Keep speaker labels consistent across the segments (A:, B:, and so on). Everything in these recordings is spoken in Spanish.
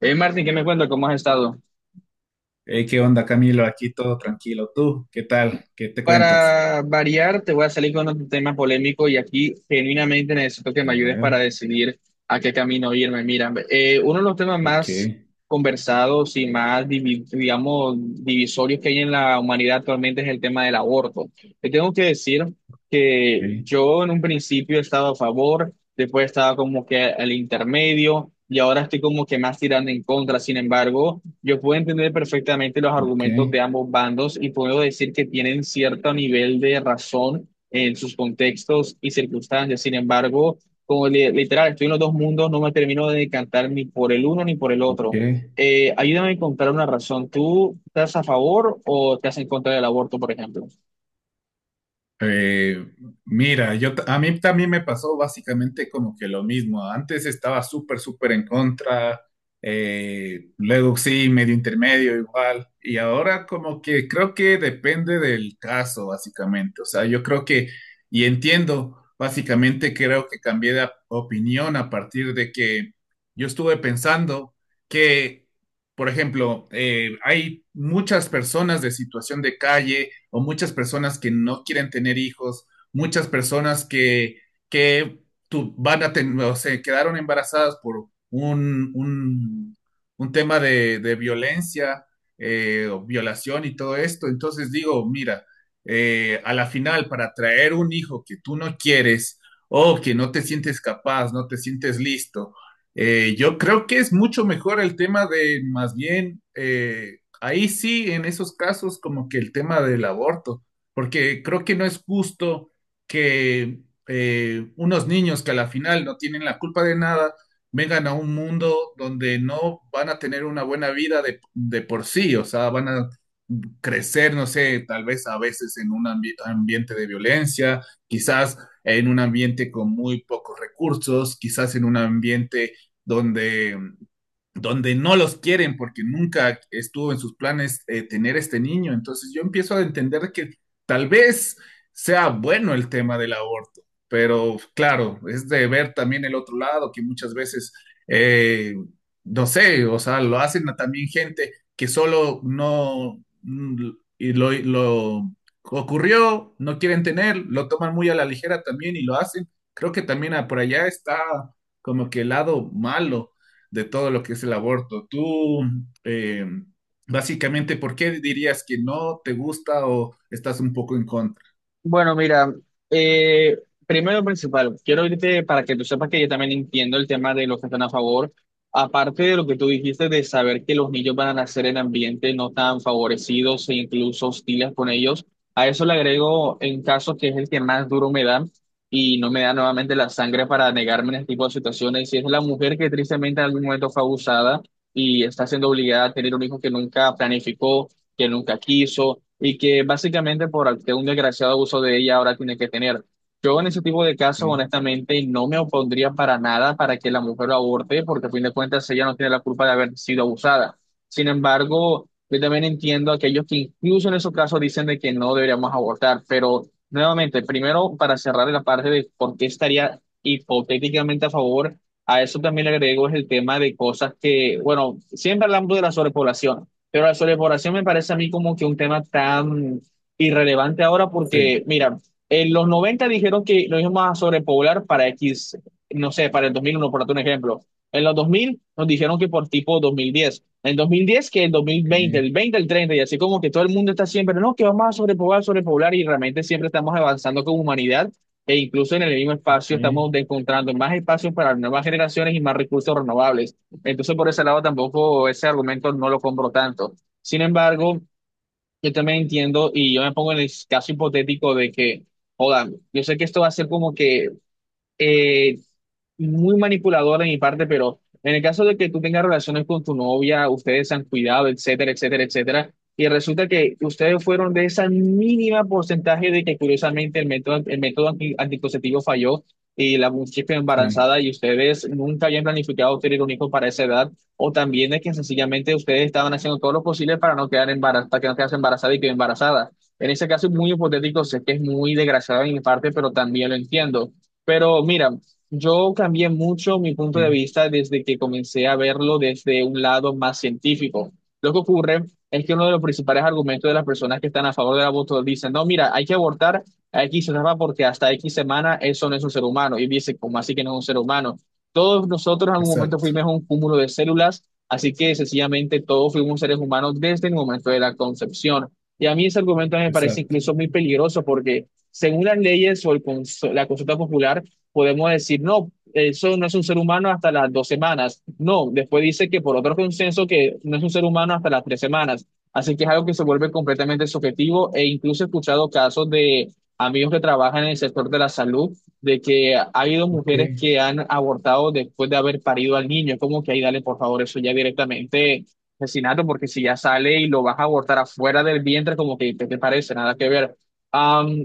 A: Martín, ¿qué me cuenta? ¿Cómo has estado?
B: Hey, ¿qué onda, Camilo? Aquí todo tranquilo. ¿Tú qué tal? ¿Qué te cuentas?
A: Para variar, te voy a salir con otro tema polémico y aquí genuinamente necesito que me
B: A
A: ayudes para
B: ver,
A: decidir a qué camino irme. Mira, uno de los temas
B: ok,
A: más conversados y más, digamos, divisorios que hay en la humanidad actualmente es el tema del aborto. Te tengo que decir que
B: ok,
A: yo en un principio he estado a favor, después estaba como que al intermedio y ahora estoy como que más tirando en contra. Sin embargo, yo puedo entender perfectamente los
B: ok,
A: argumentos de ambos bandos y puedo decir que tienen cierto nivel de razón en sus contextos y circunstancias. Sin embargo, como literal, estoy en los dos mundos, no me termino de decantar ni por el uno ni por el
B: ok.
A: otro. Ayúdame a encontrar una razón. ¿Tú estás a favor o estás en contra del aborto, por ejemplo?
B: Eh, mira, yo, a mí también me pasó básicamente como que lo mismo. Antes estaba súper en contra, luego sí, medio intermedio igual, y ahora como que creo que depende del caso, básicamente. O sea, yo creo que, y entiendo, básicamente creo que cambié de opinión a partir de que yo estuve pensando que, por ejemplo, hay muchas personas de situación de calle o muchas personas que no quieren tener hijos, muchas personas que van a o se quedaron embarazadas por un tema de violencia o violación y todo esto. Entonces digo, mira, a la final, para traer un hijo que tú no quieres o que no te sientes capaz, no te sientes listo, yo creo que es mucho mejor el tema de más bien. Ahí sí, en esos casos, como que el tema del aborto, porque creo que no es justo que unos niños que a la final no tienen la culpa de nada vengan a un mundo donde no van a tener una buena vida de por sí. O sea, van a crecer, no sé, tal vez a veces en un ambiente de violencia, quizás en un ambiente con muy pocos recursos, quizás en un ambiente donde donde no los quieren porque nunca estuvo en sus planes tener este niño. Entonces yo empiezo a entender que tal vez sea bueno el tema del aborto, pero claro, es de ver también el otro lado que muchas veces, eh, no sé, o sea, lo hacen a también gente que solo no y lo ocurrió, no quieren tener, lo toman muy a la ligera también y lo hacen. Creo que también ah, por allá está como que el lado malo de todo lo que es el aborto. Tú, eh, básicamente, ¿por qué dirías que no te gusta o estás un poco en contra?
A: Bueno, mira, eh, primero y principal, quiero irte para que tú sepas que yo también entiendo el tema de los que están a favor. Aparte de lo que tú dijiste de saber que los niños van a nacer en ambientes no tan favorecidos e incluso hostiles con ellos, a eso le agrego en caso que es el que más duro me da y no me da nuevamente la sangre para negarme en este tipo de situaciones. Y es la mujer que tristemente en algún momento fue abusada y está siendo obligada a tener un hijo que nunca planificó, que nunca quiso y que básicamente de un desgraciado abuso de ella ahora tiene que tener. Yo en ese tipo de casos,
B: ¿Qué?
A: honestamente, no me opondría para nada para que la mujer lo aborte, porque a fin de cuentas ella no tiene la culpa de haber sido abusada. Sin embargo, yo también entiendo a aquellos que incluso en esos casos dicen de que no deberíamos abortar, pero nuevamente, primero para cerrar la parte de por qué estaría hipotéticamente a favor, a eso también le agrego es el tema de cosas que, bueno, siempre hablamos de la sobrepoblación. Pero la sobrepoblación me parece a mí como que un tema tan irrelevante ahora porque,
B: Sí,
A: mira, en los 90 dijeron que lo íbamos a sobrepoblar para X, no sé, para el 2001, por darte un ejemplo. En los 2000 nos dijeron que por tipo 2010. En 2010, que el 2020,
B: ¿qué?
A: el veinte, el treinta, y así como que todo el mundo está siempre, no, que vamos a sobrepoblar, sobrepoblar, y realmente siempre estamos avanzando como humanidad e incluso en el mismo espacio
B: ¿Qué?
A: estamos encontrando más espacios para nuevas generaciones y más recursos renovables. Entonces, por ese lado tampoco ese argumento no lo compro tanto. Sin embargo, yo también entiendo y yo me pongo en el caso hipotético de que, joda, yo sé que esto va a ser como que eh, muy manipulador de mi parte, pero en el caso de que tú tengas relaciones con tu novia, ustedes se han cuidado, etcétera, etcétera, etcétera, y resulta que ustedes fueron de esa mínima porcentaje de que curiosamente el método anticonceptivo falló y la muchacha quedó
B: Sí,
A: embarazada y ustedes nunca habían planificado tener un hijo para esa edad, o también de que sencillamente ustedes estaban haciendo todo lo posible para no quedar embarazada, para que no quedase embarazada y quedó embarazada. En ese caso es muy hipotético, sé que es muy desgraciado de mi parte, pero también lo entiendo. Pero mira, yo cambié mucho mi punto de
B: ¿qué?
A: vista desde que comencé a verlo desde un lado más científico. Lo que ocurre es que uno de los principales argumentos de las personas que están a favor del aborto dicen, no, mira, hay que abortar a X semana porque hasta X semana eso no es un ser humano. Y dice, ¿cómo así que no es un ser humano? Todos nosotros en algún momento
B: Exacto,
A: fuimos un cúmulo de células, así que sencillamente todos fuimos seres humanos desde el momento de la concepción. Y a mí ese argumento me parece
B: exacto,
A: incluso muy peligroso porque según las leyes o el la consulta popular, podemos decir, no, eso no es un ser humano hasta las 2 semanas. No, después dice que por otro consenso que no es un ser humano hasta las 3 semanas. Así que es algo que se vuelve completamente subjetivo e incluso he escuchado casos de amigos que trabajan en el sector de la salud, de que ha habido
B: ok,
A: mujeres que han abortado después de haber parido al niño. Es como que ahí dale, por favor, eso ya directamente asesinato, porque si ya sale y lo vas a abortar afuera del vientre, como que, ¿qué te parece? Nada que ver. Am,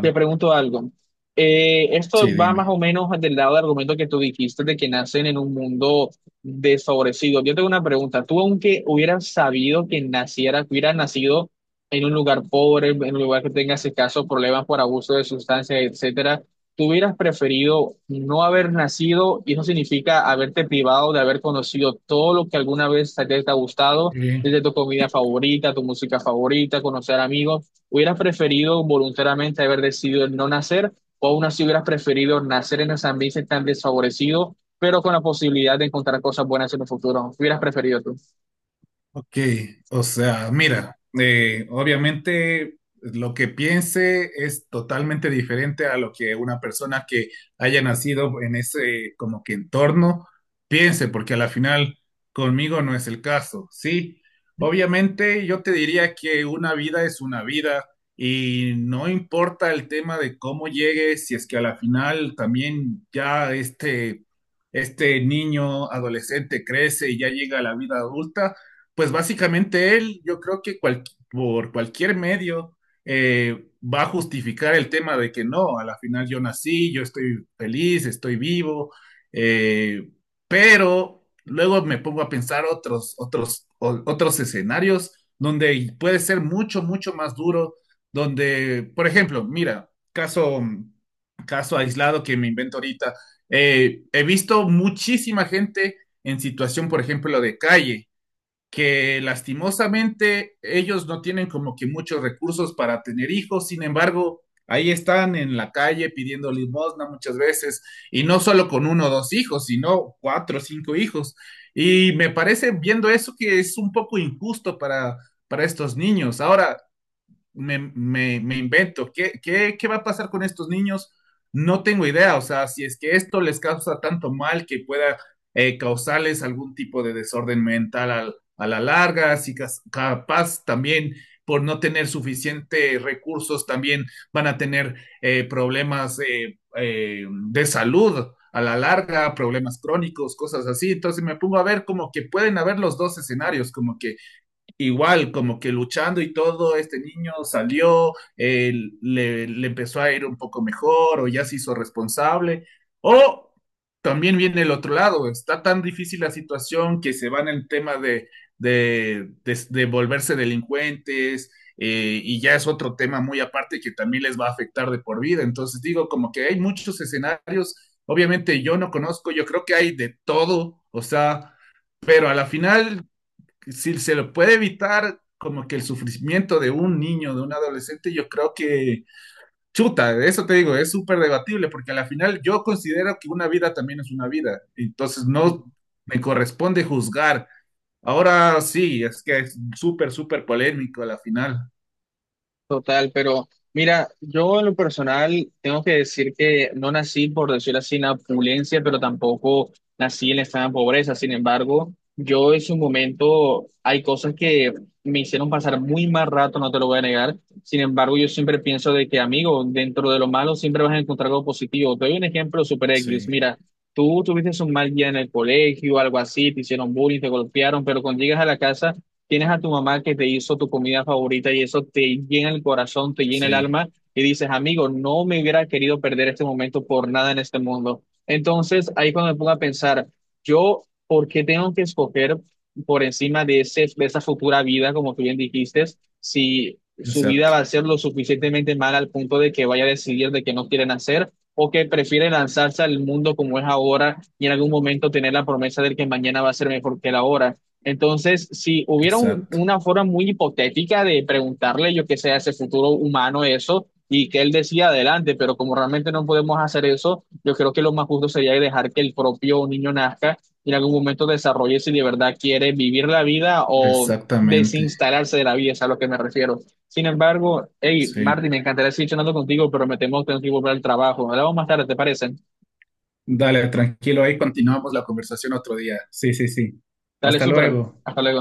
A: te pregunto algo.
B: sí,
A: Esto va más
B: dime.
A: o menos del lado del argumento que tú dijiste de que nacen en un mundo desfavorecido. Yo tengo una pregunta. Tú, aunque hubieras sabido que naciera, que hubieras nacido en un lugar pobre, en un lugar que tengas escasos problemas por abuso de sustancias, etcétera, ¿tú hubieras preferido no haber nacido? Y eso significa haberte privado de haber conocido todo lo que alguna vez te ha gustado,
B: ¿Qué?
A: desde tu comida favorita, tu música favorita, conocer amigos. ¿Hubieras preferido voluntariamente haber decidido el no nacer o aún así hubieras preferido nacer en ese ambiente tan desfavorecido, pero con la posibilidad de encontrar cosas buenas en el futuro? ¿Qué hubieras preferido
B: Ok, o sea, mira, obviamente lo que piense es totalmente diferente a lo que una persona que haya nacido en ese como que entorno piense, porque a la final conmigo no es el caso, ¿sí? Obviamente yo te diría que una vida es una vida y no importa el tema de cómo llegue, si es que a la final también ya este niño adolescente crece y ya llega a la vida adulta. Pues básicamente él, yo creo que por cualquier medio va a justificar el tema de que no, a la final yo nací, yo estoy feliz, estoy vivo, eh, pero luego me pongo a pensar otros escenarios donde puede ser mucho más duro, donde, por ejemplo, mira, caso aislado que me invento ahorita, he visto muchísima gente en situación, por ejemplo, de calle que lastimosamente ellos no tienen como que muchos recursos para tener hijos. Sin embargo, ahí están en la calle pidiendo limosna muchas veces, y no solo con uno o dos hijos, sino cuatro o cinco hijos. Y me parece, viendo eso, que es un poco injusto para estos niños. Ahora, me invento, ¿qué va a pasar con estos niños? No tengo idea. O sea, si es que esto les causa tanto mal que pueda causarles algún tipo de desorden mental al, a la larga, si capaz también por no tener suficientes recursos también van a tener problemas de salud a la larga, problemas crónicos, cosas así. Entonces me pongo a ver como que pueden haber los dos escenarios, como que igual, como que luchando y todo, este niño salió, le empezó a ir un poco mejor o ya se hizo responsable. O también viene el otro lado, está tan difícil la situación que se van en el tema de volverse delincuentes y ya es otro tema muy aparte que también les va a afectar de por vida. Entonces digo, como que hay muchos escenarios, obviamente yo no conozco, yo creo que hay de todo, o sea... Pero a la final, si se lo puede evitar como que el sufrimiento de un niño, de un adolescente, yo creo que, chuta, eso te digo, es súper debatible, porque al final yo considero que una vida también es una vida, entonces
A: tú?
B: no me corresponde juzgar. Ahora sí, es que es súper polémico a la final.
A: Total, pero mira, yo en lo personal tengo que decir que no nací, por decirlo así, en la opulencia, pero tampoco nací en la extrema pobreza. Sin embargo, yo en su momento hay cosas que me hicieron pasar muy mal rato, no te lo voy a negar. Sin embargo, yo siempre pienso de que, amigo, dentro de lo malo siempre vas a encontrar algo positivo. Te doy un ejemplo super X.
B: Sí,
A: Mira, tú tuviste un mal día en el colegio, algo así, te hicieron bullying, te golpearon, pero cuando llegas a la casa tienes a tu mamá que te hizo tu comida favorita y eso te llena el corazón, te llena el
B: sí,
A: alma y dices, amigo, no me hubiera querido perder este momento por nada en este mundo. Entonces, ahí cuando me pongo a pensar, yo, ¿por qué tengo que escoger por encima de ese, de esa futura vida, como tú bien dijiste, si su vida va a
B: exacto,
A: ser lo suficientemente mala al punto de que vaya a decidir de que no quieren hacer o que prefiere lanzarse al mundo como es ahora y en algún momento tener la promesa de que mañana va a ser mejor que la hora? Entonces, si hubiera
B: exacto,
A: una forma muy hipotética de preguntarle, yo qué sé, a ese futuro humano eso, y que él decía adelante, pero como realmente no podemos hacer eso, yo creo que lo más justo sería dejar que el propio niño nazca y en algún momento desarrolle si de verdad quiere vivir la vida o
B: exactamente,
A: desinstalarse de la vida, es a lo que me refiero. Sin embargo, hey, Marty,
B: sí.
A: me encantaría seguir charlando contigo, pero me temo que tengo que volver al trabajo. Hablamos más tarde, ¿te parece?
B: Dale, tranquilo, ahí continuamos la conversación otro día. Sí, sí, sí.
A: Dale,
B: Hasta
A: súper.
B: luego.
A: Hasta luego.